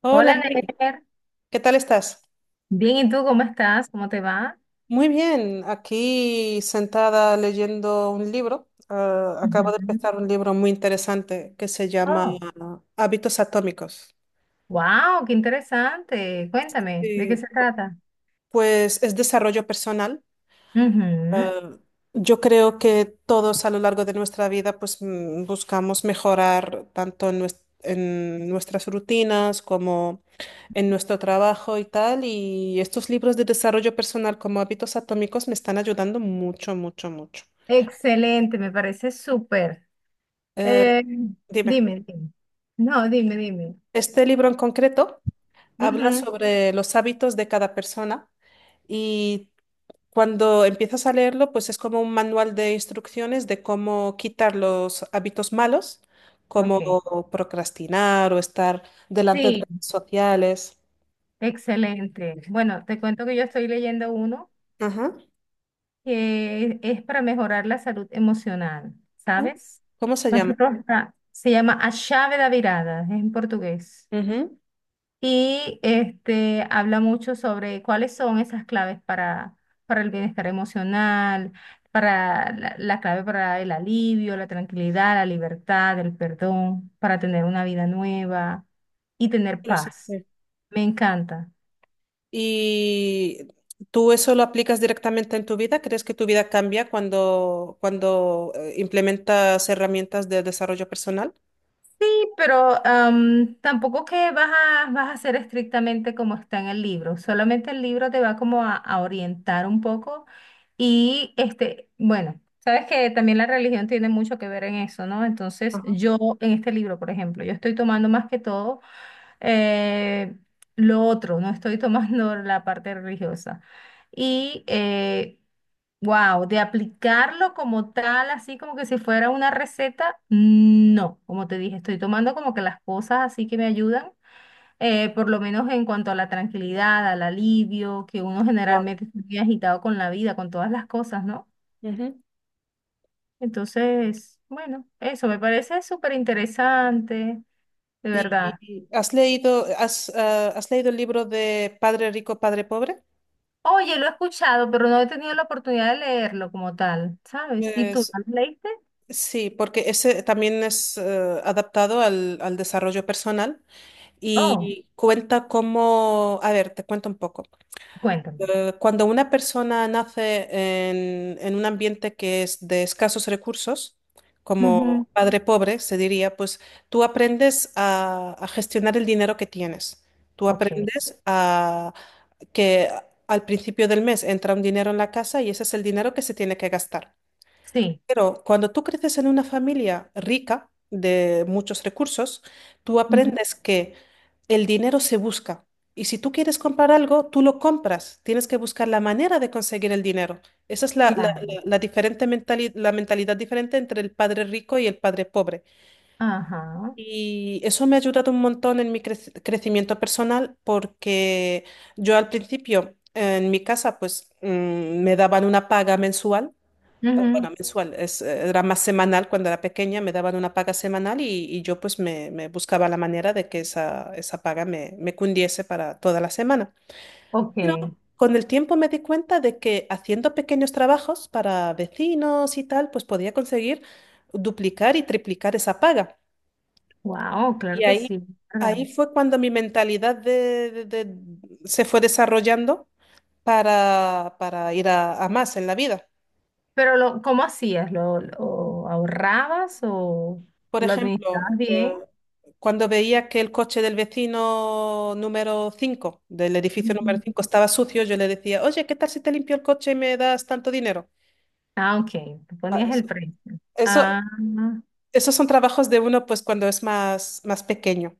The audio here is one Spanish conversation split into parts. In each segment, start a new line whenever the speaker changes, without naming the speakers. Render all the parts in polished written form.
Hola,
Hola,
Mary.
Ner.
¿Qué tal estás?
Bien, ¿y tú cómo estás? ¿Cómo te va?
Muy bien, aquí sentada leyendo un libro. Ah, acabo de
Ujú.
empezar un libro muy interesante que se llama
Oh,
Hábitos Atómicos.
wow, qué interesante. Cuéntame, ¿de qué
Y,
se trata?
pues es desarrollo personal.
Ujú.
Ah, yo creo que todos a lo largo de nuestra vida pues buscamos mejorar tanto en nuestras rutinas como en nuestro trabajo y tal, y estos libros de desarrollo personal como hábitos atómicos me están ayudando mucho, mucho, mucho.
Excelente, me parece súper.
Eh,
Eh,
Dime,
dime, dime. No, dime, dime.
este libro en concreto habla
Ujú.
sobre los hábitos de cada persona y cuando empiezas a leerlo, pues es como un manual de instrucciones de cómo quitar los hábitos malos, como
Ok.
procrastinar o estar delante de
Sí,
redes sociales.
excelente. Bueno, te cuento que yo estoy leyendo uno
Ajá.
que es para mejorar la salud emocional,
Ah,
¿sabes?
¿cómo se
Más
llama?
que todo se llama A Chave da Virada, es en portugués.
Ujú.
Y este, habla mucho sobre cuáles son esas claves para el bienestar emocional, para la clave para el alivio, la tranquilidad, la libertad, el perdón, para tener una vida nueva y tener paz. Me encanta.
¿Y tú eso lo aplicas directamente en tu vida? ¿Crees que tu vida cambia cuando, cuando implementas herramientas de desarrollo personal?
Sí, pero tampoco que vas a, vas a ser estrictamente como está en el libro, solamente el libro te va como a orientar un poco. Y este, bueno, sabes que también la religión tiene mucho que ver en eso, ¿no? Entonces
Ajá.
yo en este libro, por ejemplo, yo estoy tomando más que todo eh, lo otro, no estoy tomando la parte religiosa. Y eh, Wow, de aplicarlo como tal, así como que si fuera una receta, no, como te dije, estoy tomando como que las cosas así que me ayudan, por lo menos en cuanto a la tranquilidad, al alivio, que uno
Claro.
generalmente está muy agitado con la vida, con todas las cosas, ¿no?
Ujú.
Entonces, bueno, eso me parece súper interesante, de
¿Y,
verdad.
y has leído el libro de Padre Rico, Padre Pobre?
Oye, lo he escuchado, pero no he tenido la oportunidad de leerlo como tal, ¿sabes? ¿Y tú,
Pues,
¿lo leíste?
sí, porque ese también es adaptado al desarrollo personal
Oh,
y cuenta cómo, a ver, te cuento un poco.
cuéntame.
Cuando una persona nace en un ambiente que es de escasos recursos,
Ujú.
como padre pobre, se diría, pues tú aprendes a gestionar el dinero que tienes. Tú
Ok,
aprendes a que al principio del mes entra un dinero en la casa y ese es el dinero que se tiene que gastar.
sí.
Pero cuando tú creces en una familia rica de muchos recursos, tú aprendes que el dinero se busca. Y si tú quieres comprar algo, tú lo compras. Tienes que buscar la manera de conseguir el dinero. Esa es la, la-
Claro.
la- la diferente mentali- la mentalidad diferente entre el padre rico y el padre pobre.
Ajá.
Y eso me ha ayudado un montón en mi crecimiento personal porque yo al principio en mi casa pues me daban una paga mensual
Ujú.
bueno, mensual, era más semanal cuando era pequeña, me daban una paga semanal y yo pues me buscaba la manera de que esa paga me cundiese para toda la semana.
Ok.
Pero con el tiempo me di cuenta de que haciendo pequeños trabajos para vecinos y tal, pues podía conseguir duplicar y triplicar esa paga.
Wow, claro
Y
que
ahí,
sí. ¿Verdad?
ahí fue cuando mi mentalidad se fue desarrollando para ir a más en la vida.
Pero lo, ¿cómo hacías? Lo ahorrabas o
Por
lo
ejemplo,
administrabas bien?
cuando veía que el coche del vecino número 5 del edificio número
Ujú.
5 estaba sucio, yo le decía, oye, ¿qué tal si te limpio el coche y me das tanto dinero?
Ah, ok. Tú
Va,
ponías el precio.
Eso-
Ah,
esos son trabajos de uno pues cuando es más pequeño.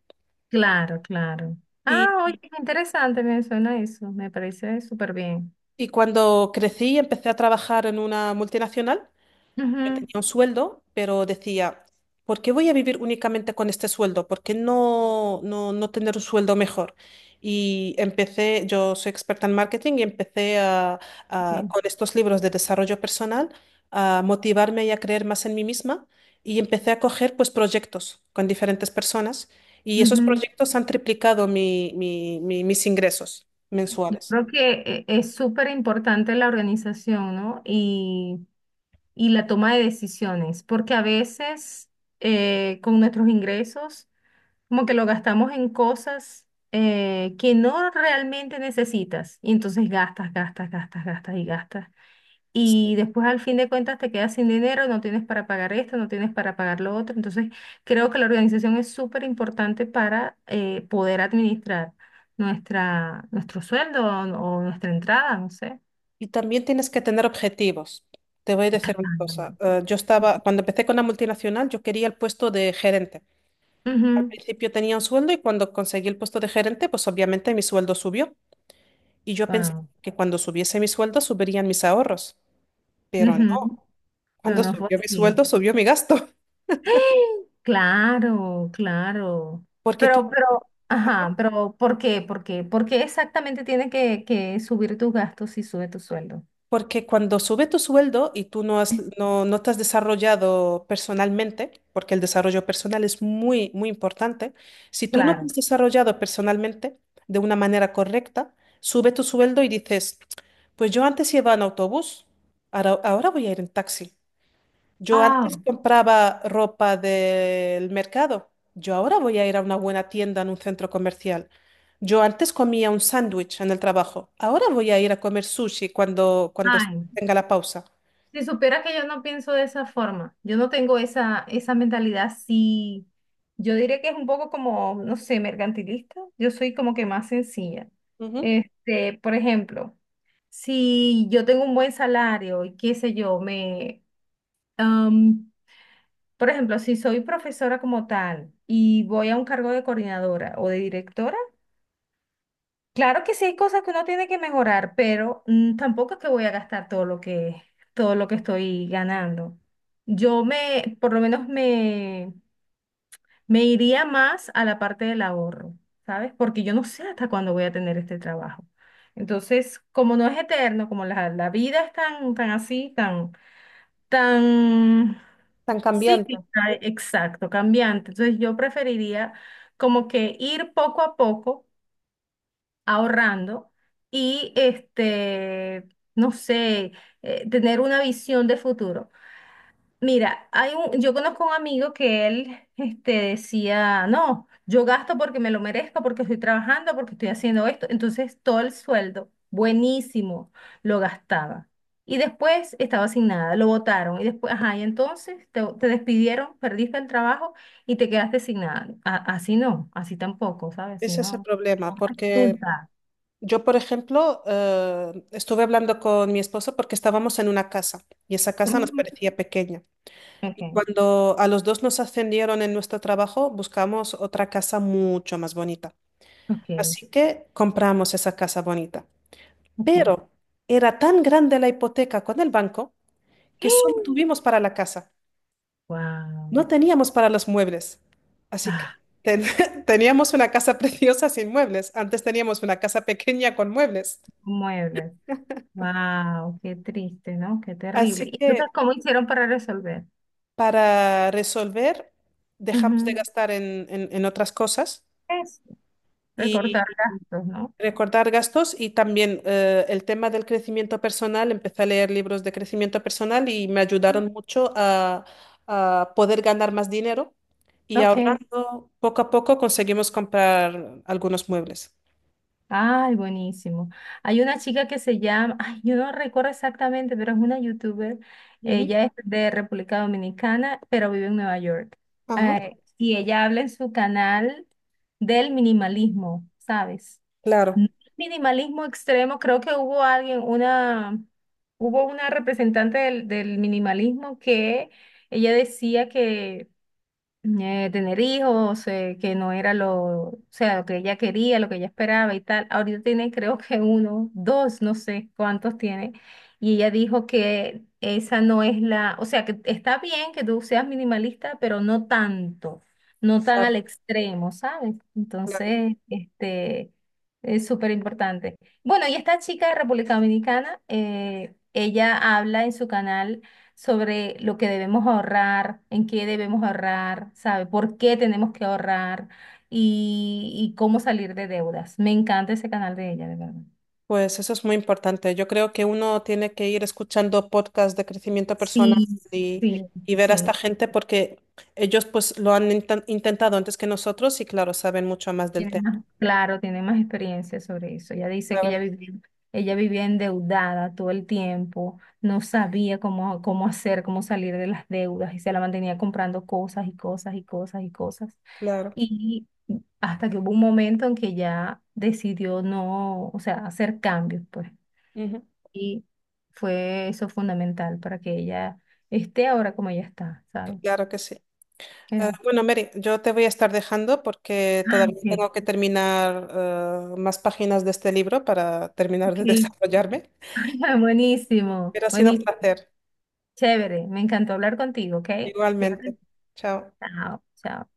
claro, claro. Ah, oye,
Y,
qué interesante me suena eso. Me parece súper bien.
y cuando crecí, empecé a trabajar en una multinacional. Yo
Ujú,
tenía un sueldo, pero decía, ¿por qué voy a vivir únicamente con este sueldo? ¿Por qué no tener un sueldo mejor? Y empecé, yo soy experta en marketing y empecé
bien.
con estos libros de desarrollo personal a motivarme y a creer más en mí misma y empecé a coger pues proyectos con diferentes personas y esos
Ujú.
proyectos han triplicado mis ingresos mensuales.
Creo que es súper importante la organización, ¿no? Y la toma de decisiones, porque a veces con nuestros ingresos como que lo gastamos en cosas que no realmente necesitas y entonces gastas, gastas, gastas, gastas y gastas. Y después al fin de cuentas te quedas sin dinero, no tienes para pagar esto, no tienes para pagar lo otro. Entonces creo que la organización es súper importante para poder administrar nuestra, nuestro sueldo o nuestra entrada, no sé.
Y también tienes que tener objetivos. Te voy a decir una cosa.
Claro.
Yo estaba, cuando empecé con la multinacional, yo quería el puesto de gerente. Al
Ujú.
principio tenía un sueldo y cuando conseguí el puesto de gerente, pues obviamente mi sueldo subió. Y yo pensé
Wow.
que cuando subiese mi sueldo, subirían mis ahorros. Pero no,
No,
cuando
no fue
subió mi
así.
sueldo, subió mi gasto.
Claro, claro.
Porque tú
Pero, pero, ajá, pero ¿por qué? ¿Por qué? ¿Por qué exactamente tiene que subir tus gastos si sube tu sueldo?
Porque cuando sube tu sueldo y tú no te has desarrollado personalmente, porque el desarrollo personal es muy, muy importante, si tú no te
Claro.
has desarrollado personalmente de una manera correcta, sube tu sueldo y dices, pues yo antes iba en autobús, ahora voy a ir en taxi. Yo
Ah,
antes compraba ropa del mercado. Yo ahora voy a ir a una buena tienda en un centro comercial. Yo antes comía un sándwich en el trabajo. Ahora voy a ir a comer sushi cuando
ay,
tenga la pausa.
si supieras que yo no pienso de esa forma, yo no tengo esa, esa mentalidad, sí, yo diría que es un poco como, no sé, mercantilista, yo soy como que más sencilla.
Ujú.
Este, por ejemplo, si yo tengo un buen salario y qué sé yo, me, Am, por ejemplo, si soy profesora como tal y voy a un cargo de coordinadora o de directora, claro que sí hay cosas que uno tiene que mejorar, pero tampoco es que voy a gastar todo lo que estoy ganando. Yo me, por lo menos me, me iría más a la parte del ahorro, ¿sabes? Porque yo no sé hasta cuándo voy a tener este trabajo. Entonces, como no es eterno, como la vida es tan, tan así, tan tan
Tan cambiante.
cíclica, exacto, cambiante. Entonces yo preferiría como que ir poco a poco ahorrando y este, no sé, tener una visión de futuro. Mira, hay un, yo conozco un amigo que él este, decía, no, yo gasto porque me lo merezco, porque estoy trabajando, porque estoy haciendo esto. Entonces todo el sueldo, buenísimo, lo gastaba. Y después estaba sin nada, lo botaron. Y después, ajá, y entonces te despidieron, perdiste el trabajo y te quedaste sin nada. Así no, así tampoco, ¿sabes? Así
Ese es el
no.
problema,
No
porque
resulta.
yo, por ejemplo, estuve hablando con mi esposo porque estábamos en una casa y esa casa nos
Ujú.
parecía pequeña. Y
Ok,
cuando a los dos nos ascendieron en nuestro trabajo, buscamos otra casa mucho más bonita.
ok,
Así que compramos esa casa bonita.
ok.
Pero era tan grande la hipoteca con el banco que solo tuvimos para la casa. No
Wow.
teníamos para los muebles. Así que
Ah,
ten- teníamos una casa preciosa sin muebles. Antes teníamos una casa pequeña con muebles.
muebles. Wow, qué triste, ¿no? Qué terrible.
Así
¿Y entonces
que
cómo hicieron para resolver?
para resolver, dejamos de
Ujú.
gastar en otras cosas.
Eso, recortar gastos, ¿no?
Recortar gastos y también el tema del crecimiento personal. Empecé a leer libros de crecimiento personal y me ayudaron mucho a poder ganar más dinero y
Ok.
ahorrando poco a poco conseguimos comprar algunos muebles.
Ay, buenísimo. Hay una chica que se llama, ay, yo no recuerdo exactamente, pero es una youtuber.
Ujú.
Ella es de República Dominicana, pero vive en Nueva York.
Ajá.
Y ella habla en su canal del minimalismo, ¿sabes?
Claro,
No, minimalismo extremo, creo que hubo alguien, una, hubo una representante del, del minimalismo que ella decía que tener hijos, que no era lo, o sea, lo que ella quería, lo que ella esperaba y tal. Ahorita tiene creo que uno, dos, no sé cuántos tiene. Y ella dijo que esa no es la, o sea, que está bien que tú seas minimalista, pero no tanto, no tan
claro,
al extremo, ¿sabes?
claro.
Entonces, este, es súper importante. Bueno, y esta chica de República Dominicana, ella habla en su canal sobre lo que debemos ahorrar, en qué debemos ahorrar, ¿sabe? ¿Por qué tenemos que ahorrar y cómo salir de deudas? Me encanta ese canal de ella, de verdad.
Pues eso es muy importante. Yo creo que uno tiene que ir escuchando podcasts de crecimiento personal
Sí,
y,
sí,
y ver a esta
sí.
gente porque ellos pues lo han intentado antes que nosotros y claro, saben mucho más del
Tiene más, claro, tiene más experiencia sobre eso. Ella dice que
tema.
ella vivía endeudada todo el tiempo, no sabía cómo, cómo hacer, cómo salir de las deudas y se la mantenía comprando cosas y cosas y cosas y cosas.
Claro,
Y hasta que hubo un momento en que ya decidió no, o sea, hacer cambios, pues.
Ujú.
Y fue eso fundamental para que ella esté ahora como ella está, ¿sabes?
Claro que sí.
Ya.
Bueno, Mary, yo te voy a estar dejando porque
Ah,
todavía
ok,
tengo que terminar más páginas de este libro para terminar de
ok.
desarrollarme,
Buenísimo,
pero ha sido un
buenísimo,
placer.
chévere. Me encantó hablar contigo, ¿ok? Cuídate.
Igualmente. Chao.
Chao, chao.